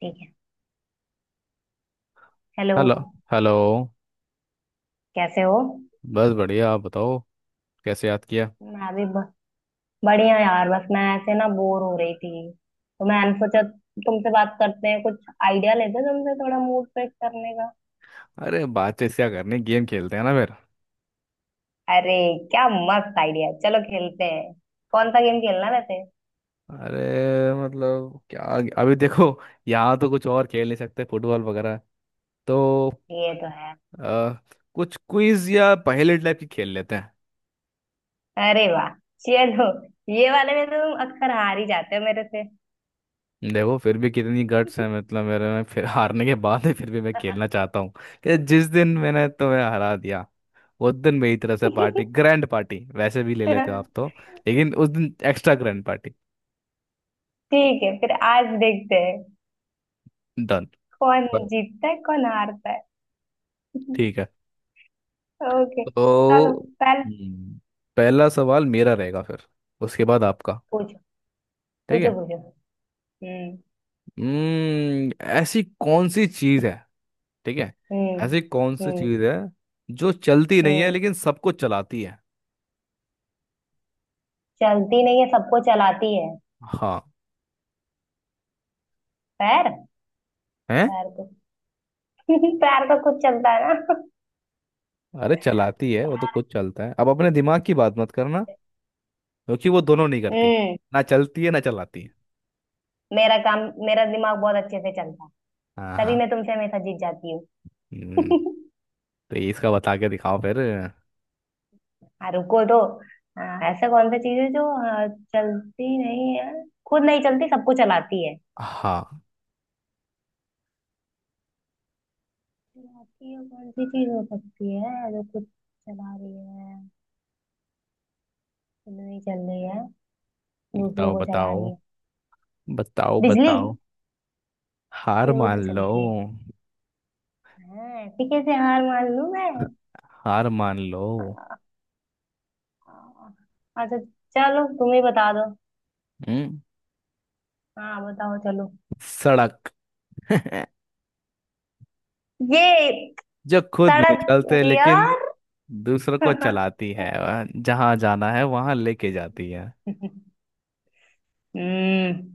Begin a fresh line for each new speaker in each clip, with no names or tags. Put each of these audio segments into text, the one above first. ठीक है। Hello.
Hello. Hello.
कैसे हो?
बस बढ़िया, आप बताओ। कैसे याद किया।
मैं भी ब- बढ़िया यार। बस मैं ऐसे ना बोर हो रही थी तो मैंने सोचा तुमसे बात करते हैं कुछ, आइडिया लेते हैं तुमसे, थोड़ा मूड फ्रेश करने का।
अरे, बातचीत क्या करनी, गेम खेलते हैं ना फिर।
अरे, क्या मस्त आइडिया है। चलो खेलते हैं। कौन सा गेम खेलना है वैसे?
अरे, मतलब क्या। अभी देखो। यहाँ तो कुछ और खेल नहीं सकते, फुटबॉल वगैरह। तो
ये तो है।
अ, कुछ क्विज या पहेली टाइप की खेल लेते हैं।
अरे वाह, चलो। ये वाले में तो तुम अक्सर हार ही जाते हो मेरे से।
देखो, फिर भी कितनी गट्स है, मतलब मेरे में फिर हारने के बाद भी फिर भी मैं खेलना चाहता हूँ कि जिस दिन मैंने तुम्हें हरा दिया उस दिन मेरी तरफ से पार्टी, ग्रैंड पार्टी वैसे भी ले लेते हो आप तो। लेकिन उस दिन एक्स्ट्रा ग्रैंड पार्टी।
ठीक है, फिर आज देखते हैं
डन।
कौन
बस।
जीतता है, कौन हारता है।
ठीक है।
ओके,
तो।
चलो पहले।
हम्म। पहला सवाल मेरा रहेगा, फिर उसके बाद आपका।
पूछो,
ठीक
पूछो।
है।
पूछो। हम्म।
हम्म। ऐसी कौन सी चीज है। ठीक है। ऐसी
हम्म।
कौन सी
हम्म।
चीज है जो चलती नहीं है
हम्म।
लेकिन सबको चलाती है।
चलती नहीं है, सबको चलाती है?
हाँ।
पैर।
है।
पैर को। पैर तो खुद चलता है ना।
अरे, चलाती है, वो तो खुद चलता है। अब अपने दिमाग की बात मत करना, क्योंकि वो दोनों नहीं करती।
हम्म।
ना चलती है ना चलाती है।
मेरा काम मेरा दिमाग बहुत अच्छे से चलता है।
हाँ,
तभी
हाँ।
मैं तुमसे हमेशा जीत जाती
हम्म।
हूँ।
तो इसका बता के दिखाओ फिर।
हाँ, रुको तो। हाँ, ऐसा कौन सा चीज है जो, हाँ, चलती नहीं है, खुद नहीं चलती, सबको चलाती है।
हाँ।
चलाती है, कौन सी चीज हो सकती है जो खुद चला रही है, खुद नहीं चल रही है, दूसरों
बताओ
को चला रही
बताओ,
है?
बताओ
बिजली।
बताओ। हार
ये वो तो
मान लो।
चलती है। हाँ, ऐसे कैसे हार मान लूं मैं?
हार मान लो।
अच्छा, चलो तुम ही बता दो।
हम्म।
हाँ बताओ, चलो।
सड़क।
ये?
जो खुद नहीं
तड़क?
चलते
अरे
लेकिन
यार।
दूसरों को चलाती है। जहां जाना है वहां लेके जाती है।
हम्म।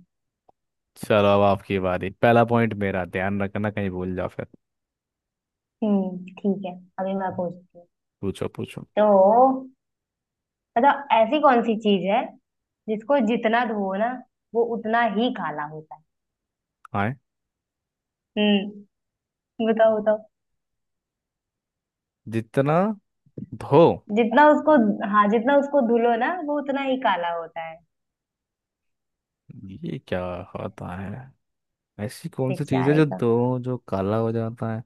चलो, अब आपकी बारी। पहला पॉइंट मेरा ध्यान रखना, कहीं भूल जाओ फिर।
ठीक है। अभी मैं पूछती हूँ।
पूछो पूछो।
तो मतलब, ऐसी कौन सी चीज है जिसको जितना धो ना, वो उतना ही काला होता है?
हाँ।
हम्म, बताओ, बताओ।
जितना धो।
जितना उसको हाँ, जितना उसको धुलो ना, वो उतना ही काला होता है।
ये क्या होता है। ऐसी कौन सी चीज है
बेचारे
जो
का।
धो, जो काला हो जाता है।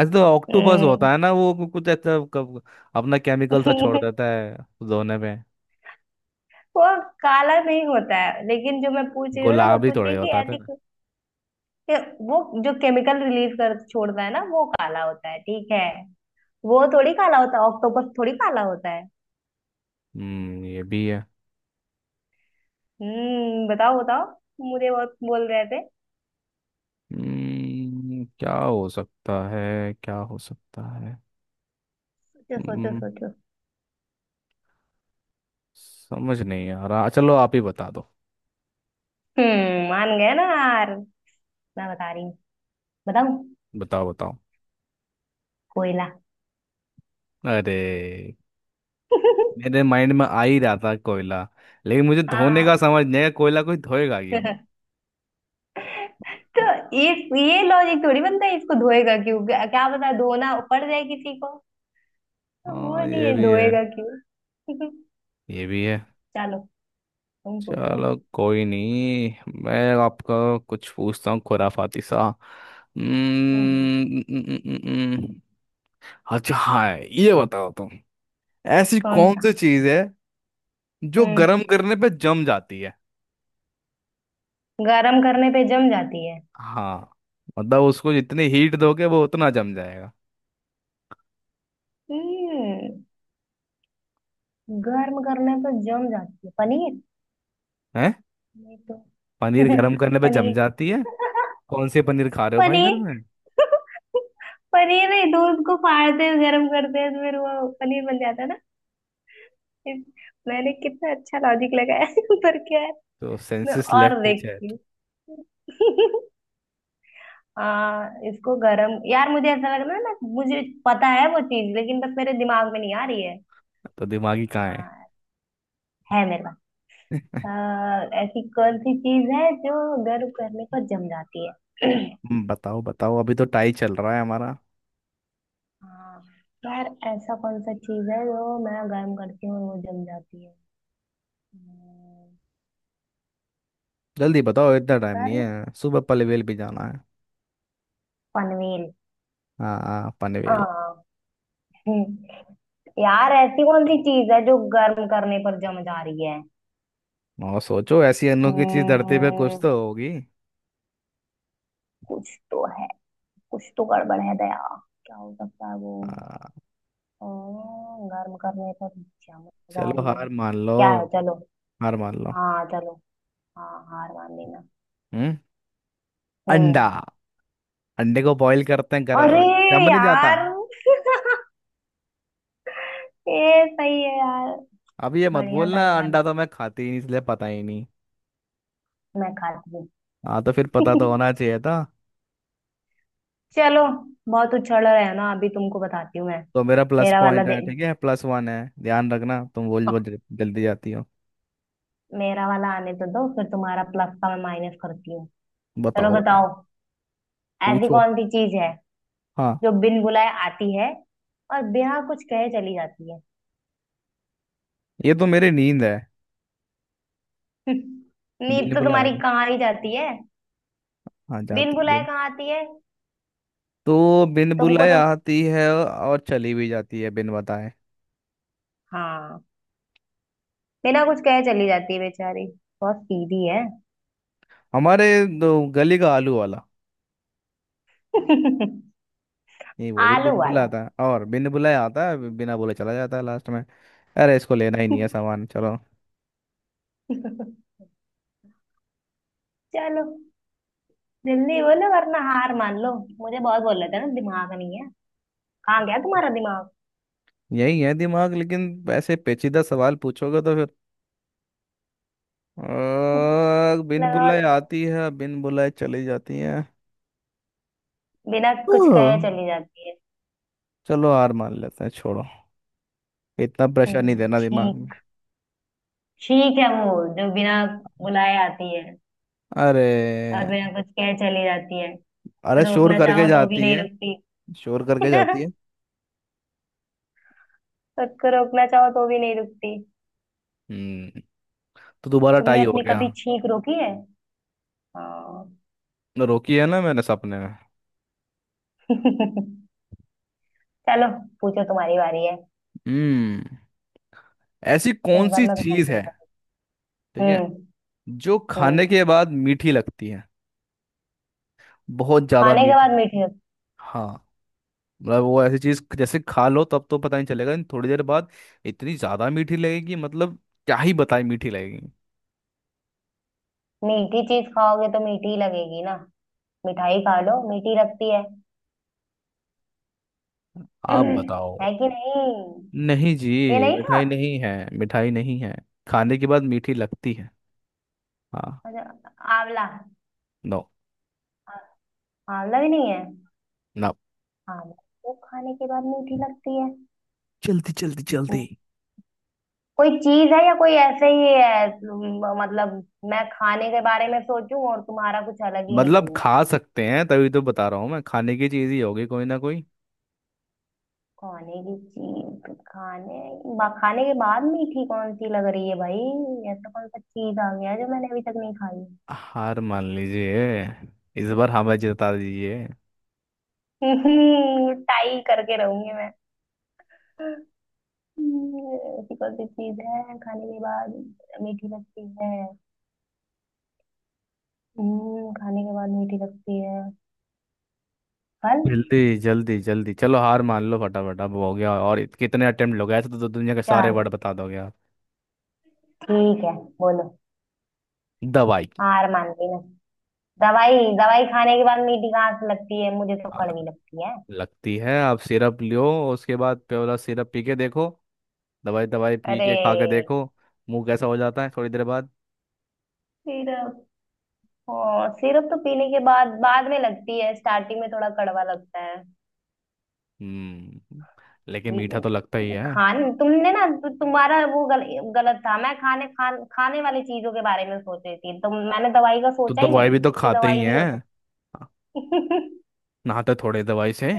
एज द ऑक्टोपस
हम्म।
होता है ना, वो कुछ ऐसा अपना केमिकल सा छोड़ देता है धोने में।
वो काला नहीं होता है, लेकिन जो मैं पूछ रही हूँ ना, मैं
गुलाबी
पूछ रही
थोड़े
हूँ कि
होता है
ऐसी।
फिर।
वो जो केमिकल रिलीज कर छोड़ता है ना, वो काला होता है, ठीक है। वो थोड़ी काला होता है, ऑक्टोपस थोड़ी काला होता है।
ये भी है।
हम्म, बताओ, बताओ। मुझे बहुत बोल रहे थे।
क्या हो सकता है, क्या हो सकता है।
सोचो, सोचो,
हम्म।
सोचो।
समझ नहीं आ रहा, चलो आप ही बता दो।
हम्म, मान गए ना यार। मैं बता रही हूँ। बताऊँ?
बताओ बताओ।
कोयला।
अरे, मेरे माइंड में आ ही रहा था कोयला। लेकिन मुझे धोने का
हाँ।
समझ नहीं आया, कोयला कोई धोएगा क्यों।
तो इस ये लॉजिक थोड़ी बनता है, इसको धोएगा क्यों? क्या क्या पता धोना पड़ जाए किसी को, तो वो
हाँ, ये
नहीं
भी है।
धोएगा क्यों?
ये भी है।
चलो, तुम पूछो।
चलो कोई नहीं, मैं आपका कुछ पूछता हूँ खुराफाती सा। हम्म,
हम्म।
न- न- न- न- अच्छा, हाँ ये बताओ तुम। ऐसी
कौन
कौन
सा?
सी चीज है जो
हम्म।
गर्म करने पे जम जाती है।
गर्म करने पे जम जाती है?
हाँ। मतलब उसको जितनी हीट दोगे वो उतना जम जाएगा।
हम्म, गर्म करने पे जम जाती है। पनीर।
हैं।
नहीं तो?
पनीर गर्म करने पे जम
पनीर।
जाती है। कौन से पनीर खा रहे हो भाई घर में।
पनीर। पनीर नहीं, दूध को फाड़ते हैं, गर्म करते हैं तो फिर वो पनीर बन जाता है ना। इस- मैंने कितना अच्छा लॉजिक लगाया। पर क्या है।
तो
मैं
सेंसेस
और
लेफ्ट इज है।
देखती हूँ। हाँ, इसको गरम यार, मुझे ऐसा लग रहा है ना, मुझे पता है वो चीज, लेकिन बस मेरे दिमाग में नहीं आ रही है।
तो दिमागी कहाँ है।
हाँ, है मेरे पास। ऐसी कौन सी चीज है जो गर्म करने पर जम जाती है?
बताओ बताओ, अभी तो टाई चल रहा है हमारा।
हाँ, यार ऐसा कौन सा चीज है जो मैं गर्म करती हूँ और वो जम जाती है? हम्म,
जल्दी बताओ, इतना टाइम नहीं
गर्म
है, सुबह पनवेल भी जाना है।
पनवेल?
हाँ हाँ, पनवेल।
हाँ। हम्म, यार ऐसी कौन सी चीज है जो गर्म करने पर जम जा रही है?
और सोचो, ऐसी अनोखी चीज धरती पे कुछ
हम्म,
तो होगी।
कुछ तो है। कुछ तो गड़बड़ है, दया। क्या हो सकता है वो?
हाँ।
ओ, गर्म करने पर जमच जा
चलो
रही है।
हार मान लो।
क्या है, चलो?
हार मान लो।
हाँ, चलो। हाँ, हार मान लेना।
हम्म। अंडा।
हम्म।
अंडे को बॉईल करते हैं, कर
अरे
जम नहीं जाता।
यार! ये सही है यार।
अब ये मत
बढ़िया
बोलना,
था ये
अंडा
वाला।
तो मैं खाती ही नहीं इसलिए पता ही नहीं।
मैं खाती हूँ।
हाँ, तो फिर पता तो होना चाहिए था।
चलो। बहुत उछल रहे है ना, अभी तुमको बताती हूँ मैं।
तो मेरा प्लस
मेरा वाला
पॉइंट है।
दे
ठीक है, प्लस वन है, ध्यान रखना। तुम बोल बोल जल्दी जाती हो।
मेरा वाला आने तो दो, फिर तुम्हारा प्लस का मैं माइनस करती हूँ। चलो,
बताओ बताओ।
बताओ। ऐसी
पूछो।
कौन सी चीज है
हाँ।
जो बिन बुलाए आती है और बिना कुछ कहे चली जाती है?
ये तो मेरी नींद है।
नींद तो
बिल्कुल आया
तुम्हारी
था।
कहाँ ही जाती है।
हाँ,
बिन
जाती।
बुलाए कहाँ आती है?
तो बिन
तुमको
बुलाए
तो।
आती है और चली भी जाती है बिन बताए।
हाँ, बिना कुछ कहे चली जाती है बेचारी। बहुत सीधी है।
हमारे दो, गली का आलू वाला। ये, वो भी
आलू
बिन
वाला।
बुलाता है और बिन बुलाए आता है, बिना बोले चला जाता है लास्ट में। अरे, इसको लेना ही नहीं है सामान, चलो।
चलो। जल्दी बोलो वरना हार मान लो। मुझे बहुत बोल रहे थे ना, दिमाग नहीं है। कहाँ गया तुम्हारा दिमाग?
यही है दिमाग, लेकिन ऐसे पेचीदा सवाल पूछोगे तो फिर। बिन
लगाओ,
बुलाए
लगाओ।
आती है, बिन बुलाए चली जाती है।
बिना कुछ
ओह।
कहे चली जाती है।
चलो हार मान लेते हैं, छोड़ो। इतना प्रेशर नहीं देना दिमाग में।
छींक। छींक है वो, जो बिना बुलाए आती है और
अरे।
बिना कुछ कहे चली जाती है। तो
अरे, शोर
रोकना
करके
चाहो तो भी
जाती
नहीं
है।
रुकती।
शोर करके जाती है।
खुद को रोकना चाहो तो भी नहीं रुकती।
हम्म। तो दोबारा
तुमने
टाई हो
अपनी
गया।
कभी छींक रोकी है? हाँ।
रोकी है ना मैंने सपने में।
चलो, पूछो तुम्हारी बारी है।
हम्म। ऐसी कौन
इस बार
सी
मैं तुमसे
चीज है।
पूछता
ठीक
हूँ।
है।
हम्म।
जो खाने
हम्म,
के बाद मीठी लगती है। बहुत ज्यादा
खाने के बाद
मीठी।
मीठी?
हाँ। मतलब वो ऐसी चीज, जैसे खा लो तब तो पता नहीं चलेगा लेकिन थोड़ी देर बाद इतनी ज्यादा मीठी लगेगी, मतलब क्या ही बताए मीठी लगेगी।
मीठी चीज खाओगे तो मीठी ही लगेगी ना। मिठाई खा लो, मीठी लगती है।
आप बताओ।
है कि नहीं?
नहीं
ये
जी,
नहीं था?
मिठाई नहीं है। मिठाई नहीं है। खाने के बाद मीठी लगती है। हाँ।
अच्छा। आंवला।
नो।
आंवला भी नहीं है?
ना।
आंवला तो खाने के बाद मीठी लगती है?
जल्दी जल्दी जल्दी।
कोई चीज है या कोई ऐसे ही है, मतलब, मैं खाने के बारे में सोचूं और तुम्हारा कुछ अलग ही
मतलब
निकले।
खा सकते हैं तभी तो बता रहा हूँ, मैं खाने की चीज ही होगी कोई ना कोई।
खाने की चीज, खाने के बाद मीठी कौन सी लग रही है भाई? ऐसा कौन सा चीज आ गया जो मैंने अभी तक नहीं खाई?
हार मान लीजिए, इस बार हमें जिता दीजिए।
टाई करके रहूंगी मैं। ऐसी कौन सी चीज है खाने के बाद मीठी लगती है? खाने के बाद मीठी लगती है। फल?
जल्दी जल्दी जल्दी, चलो हार मान लो फटाफट, अब हो गया, और कितने अटेम्प्ट हो गए ऐसे, तो दुनिया के सारे
चार।
वर्ड बता दोगे आप।
ठीक है, बोलो।
दवाई।
हार मान ली मैं। दवाई? दवाई खाने के बाद मीठी कहाँ से लगती है? मुझे तो
आ,
कड़वी लगती है।
लगती है, आप सिरप लियो। उसके बाद प्योला सिरप पी के देखो। दवाई दवाई पी
अरे।
के खा के देखो। मुंह कैसा हो जाता है थोड़ी देर बाद।
सिरप? ओ, सिरप तो पीने के बाद, बाद में लगती है, स्टार्टिंग में थोड़ा कड़वा लगता है।
हम्म। लेकिन मीठा तो
ये
लगता ही है।
खान तुमने ना तु, तुम्हारा वो गलत था। मैं खाने वाली चीजों के बारे में सोच रही थी, तो मैंने दवाई का
तो
सोचा ही
दवाई
नहीं
भी तो
कि
खाते ही
दवाई भी हो
हैं।
सकती।
नहाते थोड़े दवाई से।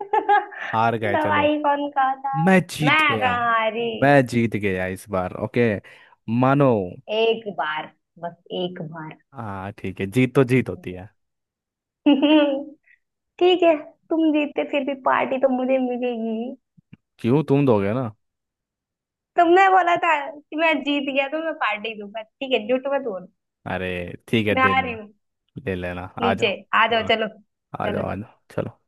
हार गए, चलो।
दवाई कौन खाता है?
मैं जीत
मैं
गया हूँ।
कहा, अरे।
मैं जीत गया इस बार, ओके। मानो।
एक बार, बस एक बार।
हाँ, ठीक है, जीत तो जीत होती है।
ठीक है। तुम जीते, फिर भी पार्टी तो मुझे मिलेगी।
क्यों, तुम दोगे ना।
तुमने बोला था कि मैं जीत गया तो मैं पार्टी दूंगा, ठीक है, झूठ मत बोलो।
अरे। ठीक है,
मैं
दे
आ रही
लेना।
हूँ
ले लेना, आ जाओ।
नीचे। आ जाओ,
हाँ।
चलो।
आ जाओ,
चलो।
आ जाओ, चलो।